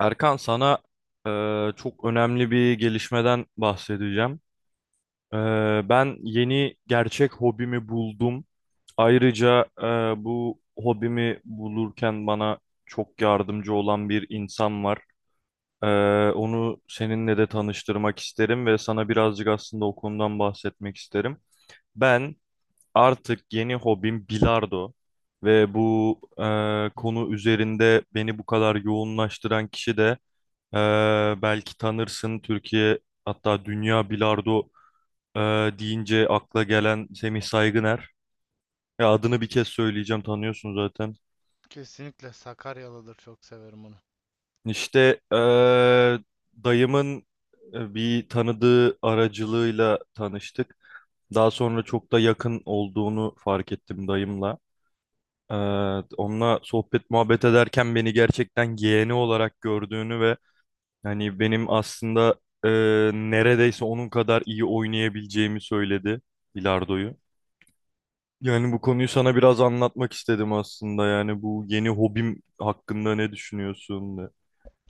Erkan, sana çok önemli bir gelişmeden bahsedeceğim. Ben yeni gerçek hobimi buldum. Ayrıca bu hobimi bulurken bana çok yardımcı olan bir insan var. Onu seninle de tanıştırmak isterim ve sana birazcık aslında o konudan bahsetmek isterim. Ben artık yeni hobim bilardo ve bu Hmm. konu üzerinde beni bu kadar yoğunlaştıran kişi de ee, belki tanırsın, Türkiye hatta dünya bilardo e, deyince akla gelen Semih Saygıner. Ya adını bir kez söyleyeceğim, tanıyorsun zaten. Kesinlikle Sakaryalıdır. Çok severim onu. İşte dayımın bir tanıdığı aracılığıyla tanıştık. Daha sonra çok da yakın olduğunu fark ettim dayımla. Ee, Onunla sohbet muhabbet ederken beni gerçekten yeğeni olarak gördüğünü ve yani benim aslında e, neredeyse onun kadar iyi oynayabileceğimi söyledi bilardoyu. Yani bu konuyu sana biraz anlatmak istedim aslında. Yani bu yeni hobim hakkında ne düşünüyorsun?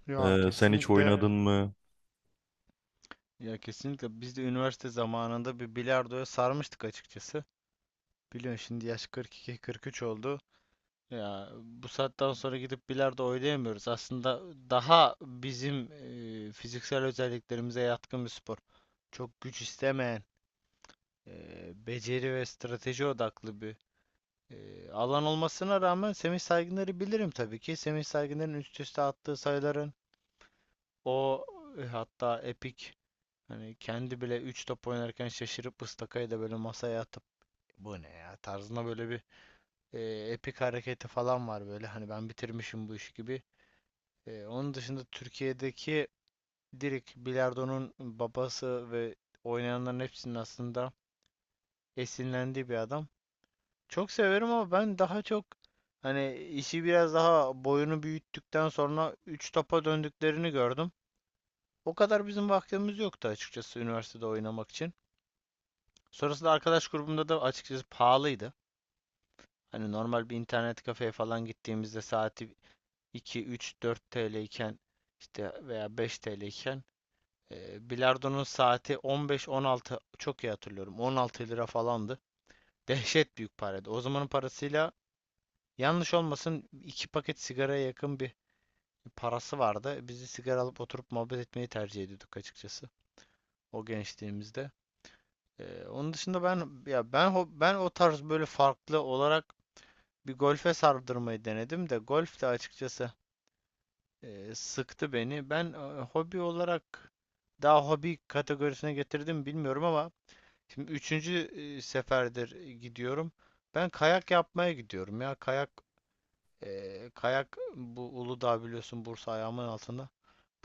Ya E, sen hiç kesinlikle oynadın, evet, mı? ya kesinlikle biz de üniversite zamanında bir bilardoya sarmıştık açıkçası. Biliyorsun şimdi yaş 42-43 oldu. Ya bu saatten sonra gidip bilardo oynayamıyoruz. Aslında daha bizim fiziksel özelliklerimize yatkın bir spor. Çok güç istemeyen, beceri ve strateji odaklı bir alan olmasına rağmen Semih Saygıner'i bilirim tabii ki. Semih Saygıner'in üst üste attığı sayıların... O, hatta Epic, hani kendi bile 3 top oynarken şaşırıp ıstakayı da böyle masaya atıp "bu ne ya" tarzında böyle bir e, Epic hareketi falan var, böyle hani "ben bitirmişim bu işi" gibi. Onun dışında Türkiye'deki direkt bilardonun babası ve oynayanların hepsinin aslında esinlendiği bir adam. Çok severim, ama ben daha çok hani işi biraz daha boyunu büyüttükten sonra 3 topa döndüklerini gördüm. O kadar bizim vaktimiz yoktu açıkçası üniversitede oynamak için. Sonrasında arkadaş grubumda da açıkçası pahalıydı. Hani normal bir internet kafeye falan gittiğimizde saati 2, 3, 4 TL iken, işte veya 5 TL iken bilardonun saati 15-16, çok iyi hatırlıyorum, 16 lira falandı. Dehşet büyük paraydı. O zamanın parasıyla, yanlış olmasın, iki paket sigaraya yakın bir parası vardı. Biz de sigara alıp oturup muhabbet etmeyi tercih ediyorduk açıkçası o gençliğimizde. Onun dışında ben ya ben ho- ben o tarz böyle farklı olarak bir golfe sardırmayı denedim de, golf de açıkçası sıktı beni. Ben hobi olarak, daha hobi kategorisine getirdim bilmiyorum ama, şimdi üçüncü seferdir gidiyorum. Ben kayak yapmaya gidiyorum, ya kayak, bu Uludağ biliyorsun, Bursa ayağımın altında.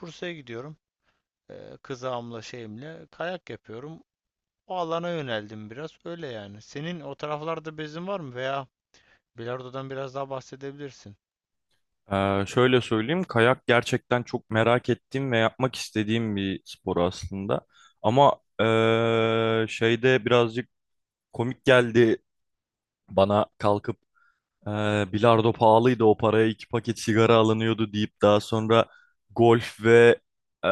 Bursa'ya gidiyorum. Kızağımla şeyimle kayak yapıyorum. O alana yöneldim biraz. Öyle yani. Senin o taraflarda bezin var mı? Veya bilardodan biraz daha bahsedebilirsin. E, şöyle söyleyeyim, kayak gerçekten çok merak ettiğim ve yapmak istediğim bir spor aslında. Ama şeyde birazcık komik geldi bana, kalkıp bilardo pahalıydı, o paraya iki paket sigara alınıyordu deyip daha sonra golf ve e,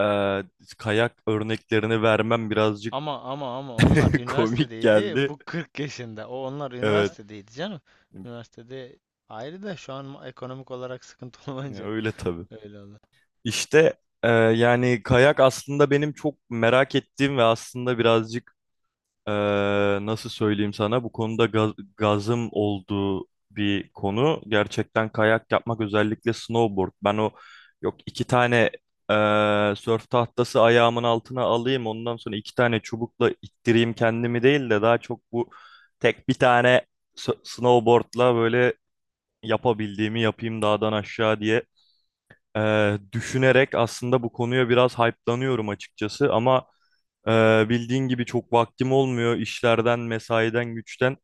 kayak örneklerini vermem birazcık Ama onlar komik üniversitedeydi. geldi. Bu 40 yaşında. O onlar Evet, üniversitedeydi canım. Üniversitede ayrı da, şu an ekonomik olarak sıkıntı ya olunca öyle tabii. öyle oldu. İşte yani kayak aslında benim çok merak ettiğim ve aslında birazcık Ee, nasıl söyleyeyim sana, bu konuda gazım olduğu bir konu. Gerçekten kayak yapmak, özellikle snowboard. Ben o yok, iki tane ee, sörf tahtası ayağımın altına alayım, ondan sonra iki tane çubukla ittireyim kendimi değil de daha çok bu tek bir tane snowboardla böyle yapabildiğimi yapayım dağdan aşağı diye düşünerek aslında bu konuya biraz hype'lanıyorum açıkçası, ama bildiğin gibi çok vaktim olmuyor işlerden, mesaiden, güçten.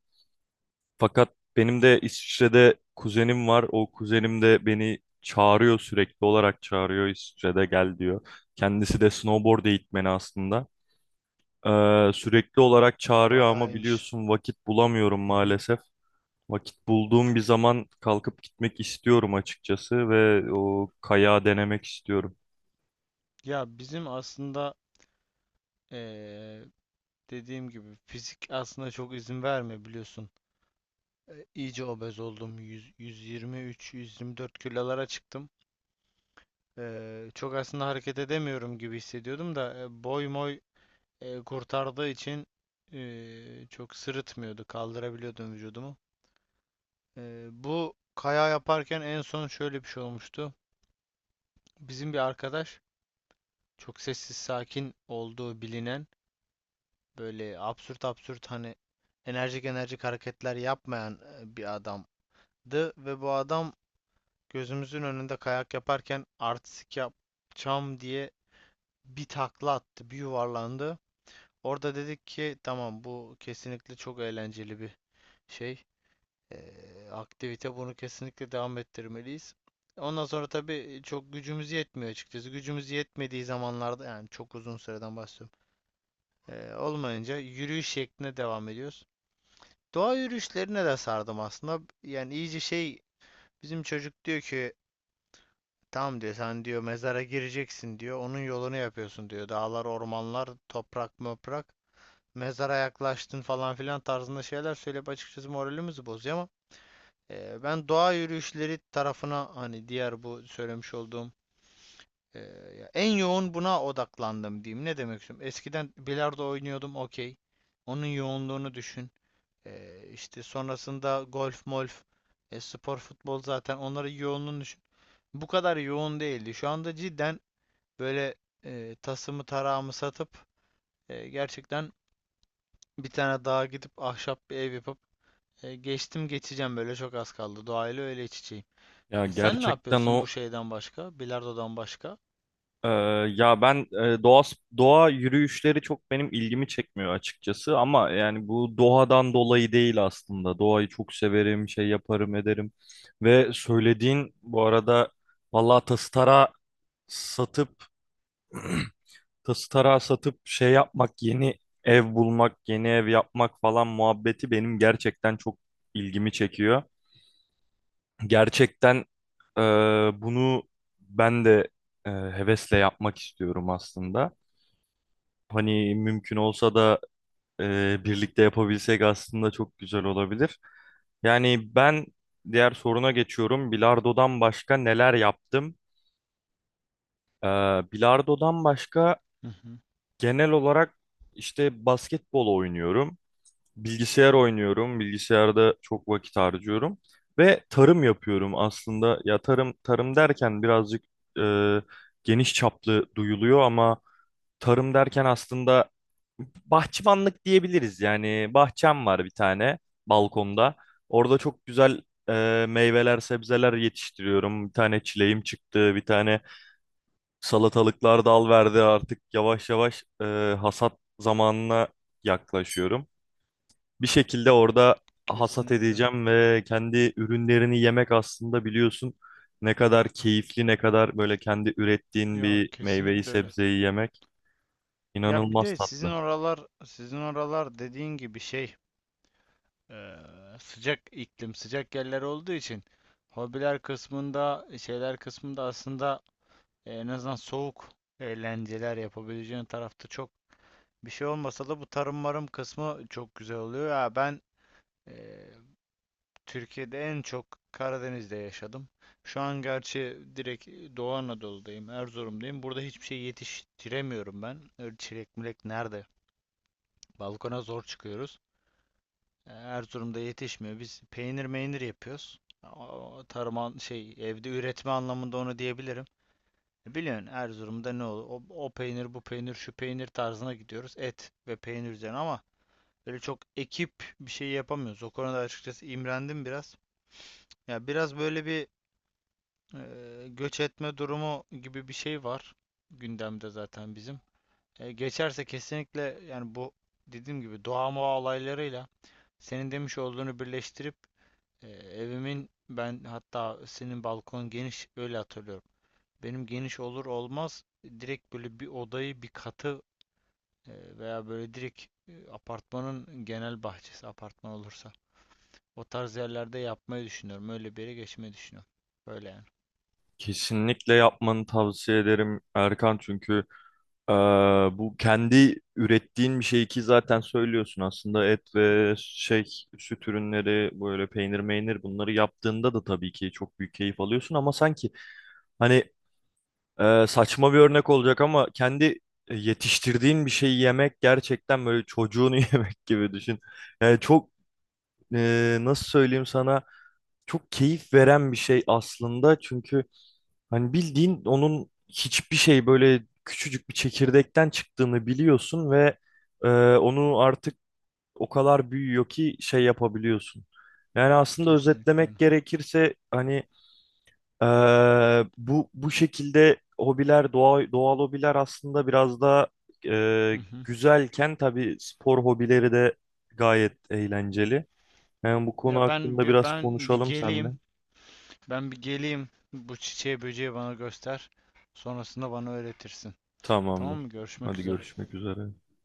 Fakat benim de İsviçre'de kuzenim var. O kuzenim de beni çağırıyor, sürekli olarak çağırıyor, İsviçre'de gel diyor. Kendisi de snowboard eğitmeni aslında. Sürekli olarak çağırıyor Bayağı ama iyiymiş. biliyorsun, vakit bulamıyorum Hı hı. maalesef. Vakit bulduğum bir zaman kalkıp gitmek istiyorum açıkçası ve o kayağı denemek istiyorum. Ya bizim aslında eee, dediğim gibi fizik aslında çok izin vermiyor biliyorsun. İyice obez oldum. 100, 123, 124 kilolara çıktım. Çok aslında hareket edemiyorum gibi hissediyordum da, boy moy kurtardığı için çok sırıtmıyordu, kaldırabiliyordum vücudumu. Bu kaya yaparken en son şöyle bir şey olmuştu. Bizim bir arkadaş, çok sessiz sakin olduğu bilinen, böyle absürt absürt, hani enerjik enerjik hareketler yapmayan bir adamdı, ve bu adam gözümüzün önünde kayak yaparken artistik yapacağım diye bir takla attı, bir yuvarlandı. Orada dedik ki, tamam, bu kesinlikle çok eğlenceli bir şey. Aktivite, bunu kesinlikle devam ettirmeliyiz. Ondan sonra tabii çok gücümüz yetmiyor açıkçası. Gücümüz yetmediği zamanlarda, yani çok uzun süreden bahsediyorum, olmayınca yürüyüş şeklinde devam ediyoruz. Doğa yürüyüşlerine de sardım aslında. Yani iyice şey, bizim çocuk diyor ki, "Tamam," diyor, "sen," diyor, "mezara gireceksin," diyor, "onun yolunu yapıyorsun," diyor, "dağlar, ormanlar, toprak, möprak, mezara yaklaştın" falan filan tarzında şeyler söyleyip açıkçası moralimizi bozuyor ama, ben doğa yürüyüşleri tarafına, hani diğer bu söylemiş olduğum e, en yoğun buna odaklandım diyeyim. Ne demek istiyorum? Eskiden bilardo oynuyordum, okey. Onun yoğunluğunu düşün. İşte sonrasında golf, molf, spor, futbol, zaten onların yoğunluğunu düşün. Bu kadar yoğun değildi. Şu anda cidden böyle tasımı tarağımı satıp gerçekten bir tane dağa gidip ahşap bir ev yapıp geçtim geçeceğim, böyle çok az kaldı. Doğayla öyle iç içeyim. Ya Sen ne gerçekten yapıyorsun bu o şeyden başka? Bilardo'dan başka? Ee, ya ben doğa yürüyüşleri çok benim ilgimi çekmiyor açıkçası, ama yani bu doğadan dolayı değil aslında. Doğayı çok severim, şey yaparım, ederim. Ve söylediğin bu arada, vallahi satıp tası tarağı satıp şey yapmak, yeni ev bulmak, yeni ev yapmak falan muhabbeti benim gerçekten çok ilgimi çekiyor. Gerçekten e, bunu ben de hevesle yapmak istiyorum aslında. Hani mümkün olsa da birlikte yapabilsek aslında çok güzel olabilir. Yani ben diğer soruna geçiyorum. Bilardo'dan başka neler yaptım? Ee, Bilardo'dan başka Hı hı, genel olarak işte basketbol oynuyorum. Bilgisayar oynuyorum. Bilgisayarda çok vakit harcıyorum. Ve tarım yapıyorum aslında. Ya tarım tarım derken birazcık e, geniş çaplı duyuluyor, ama tarım derken aslında bahçıvanlık diyebiliriz. Yani bahçem var bir tane, balkonda. Orada çok güzel meyveler, sebzeler yetiştiriyorum. Bir tane çileğim çıktı, bir tane salatalıklar dal verdi. Artık yavaş yavaş hasat zamanına yaklaşıyorum. Bir şekilde orada hasat kesinlikle. edeceğim ve kendi ürünlerini yemek, aslında biliyorsun ne kadar keyifli, ne kadar böyle kendi ürettiğin Ya bir meyveyi, kesinlikle öyle. sebzeyi yemek Ya bir inanılmaz de sizin tatlı. oralar, sizin oralar dediğin gibi şey, eee, sıcak iklim, sıcak yerler olduğu için hobiler kısmında, şeyler kısmında aslında en azından soğuk eğlenceler yapabileceğin tarafta çok bir şey olmasa da, bu tarım marım kısmı çok güzel oluyor. Ya ben e, Türkiye'de en çok Karadeniz'de yaşadım. Şu an gerçi direkt Doğu Anadolu'dayım, Erzurum'dayım. Burada hiçbir şey yetiştiremiyorum ben. Öyle çilek milek nerede? Balkona zor çıkıyoruz. Erzurum'da yetişmiyor. Biz peynir meynir yapıyoruz. O tarım şey, evde üretme anlamında onu diyebilirim. E, Biliyorsun Erzurum'da ne olur? O peynir, bu peynir, şu peynir tarzına gidiyoruz. Et ve peynir üzerine, ama böyle çok ekip bir şey yapamıyoruz. O konuda açıkçası imrendim biraz. Ya biraz böyle bir göç etme durumu gibi bir şey var gündemde zaten bizim. Geçerse kesinlikle, yani bu dediğim gibi doğa moğa olaylarıyla senin demiş olduğunu birleştirip evimin, ben hatta senin balkon geniş öyle hatırlıyorum. Benim geniş olur olmaz direkt böyle bir odayı, bir katı veya böyle direkt apartmanın genel bahçesi, apartman olursa o tarz yerlerde yapmayı düşünüyorum. Öyle bir yere geçmeyi düşünüyorum. Böyle yani. Kesinlikle yapmanı tavsiye ederim Erkan, çünkü eee, bu kendi ürettiğin bir şey ki, zaten söylüyorsun aslında et ve şey, süt ürünleri, böyle peynir meynir bunları yaptığında da tabii ki çok büyük keyif alıyorsun, ama sanki hani saçma bir örnek olacak ama kendi yetiştirdiğin bir şeyi yemek gerçekten böyle çocuğunu yemek gibi düşün. Yani çok nasıl söyleyeyim sana, çok keyif veren bir şey aslında, çünkü hani bildiğin onun hiçbir şey, böyle küçücük bir çekirdekten çıktığını biliyorsun ve e, onu artık o kadar büyüyor ki şey yapabiliyorsun. Yani aslında Kesinlikle özetlemek öyle. gerekirse hani e, bu şekilde hobiler, doğa, doğal hobiler aslında biraz da Hı e, hı. güzelken, tabii spor hobileri de gayet eğlenceli. Yani bu konu Ya ben hakkında bir- biraz ben bir konuşalım seninle. geleyim. Ben bir geleyim. Bu çiçeği böceği bana göster. Sonrasında bana öğretirsin. Tamam Tamamdır. mı? Görüşmek Hadi, üzere. görüşmek üzere.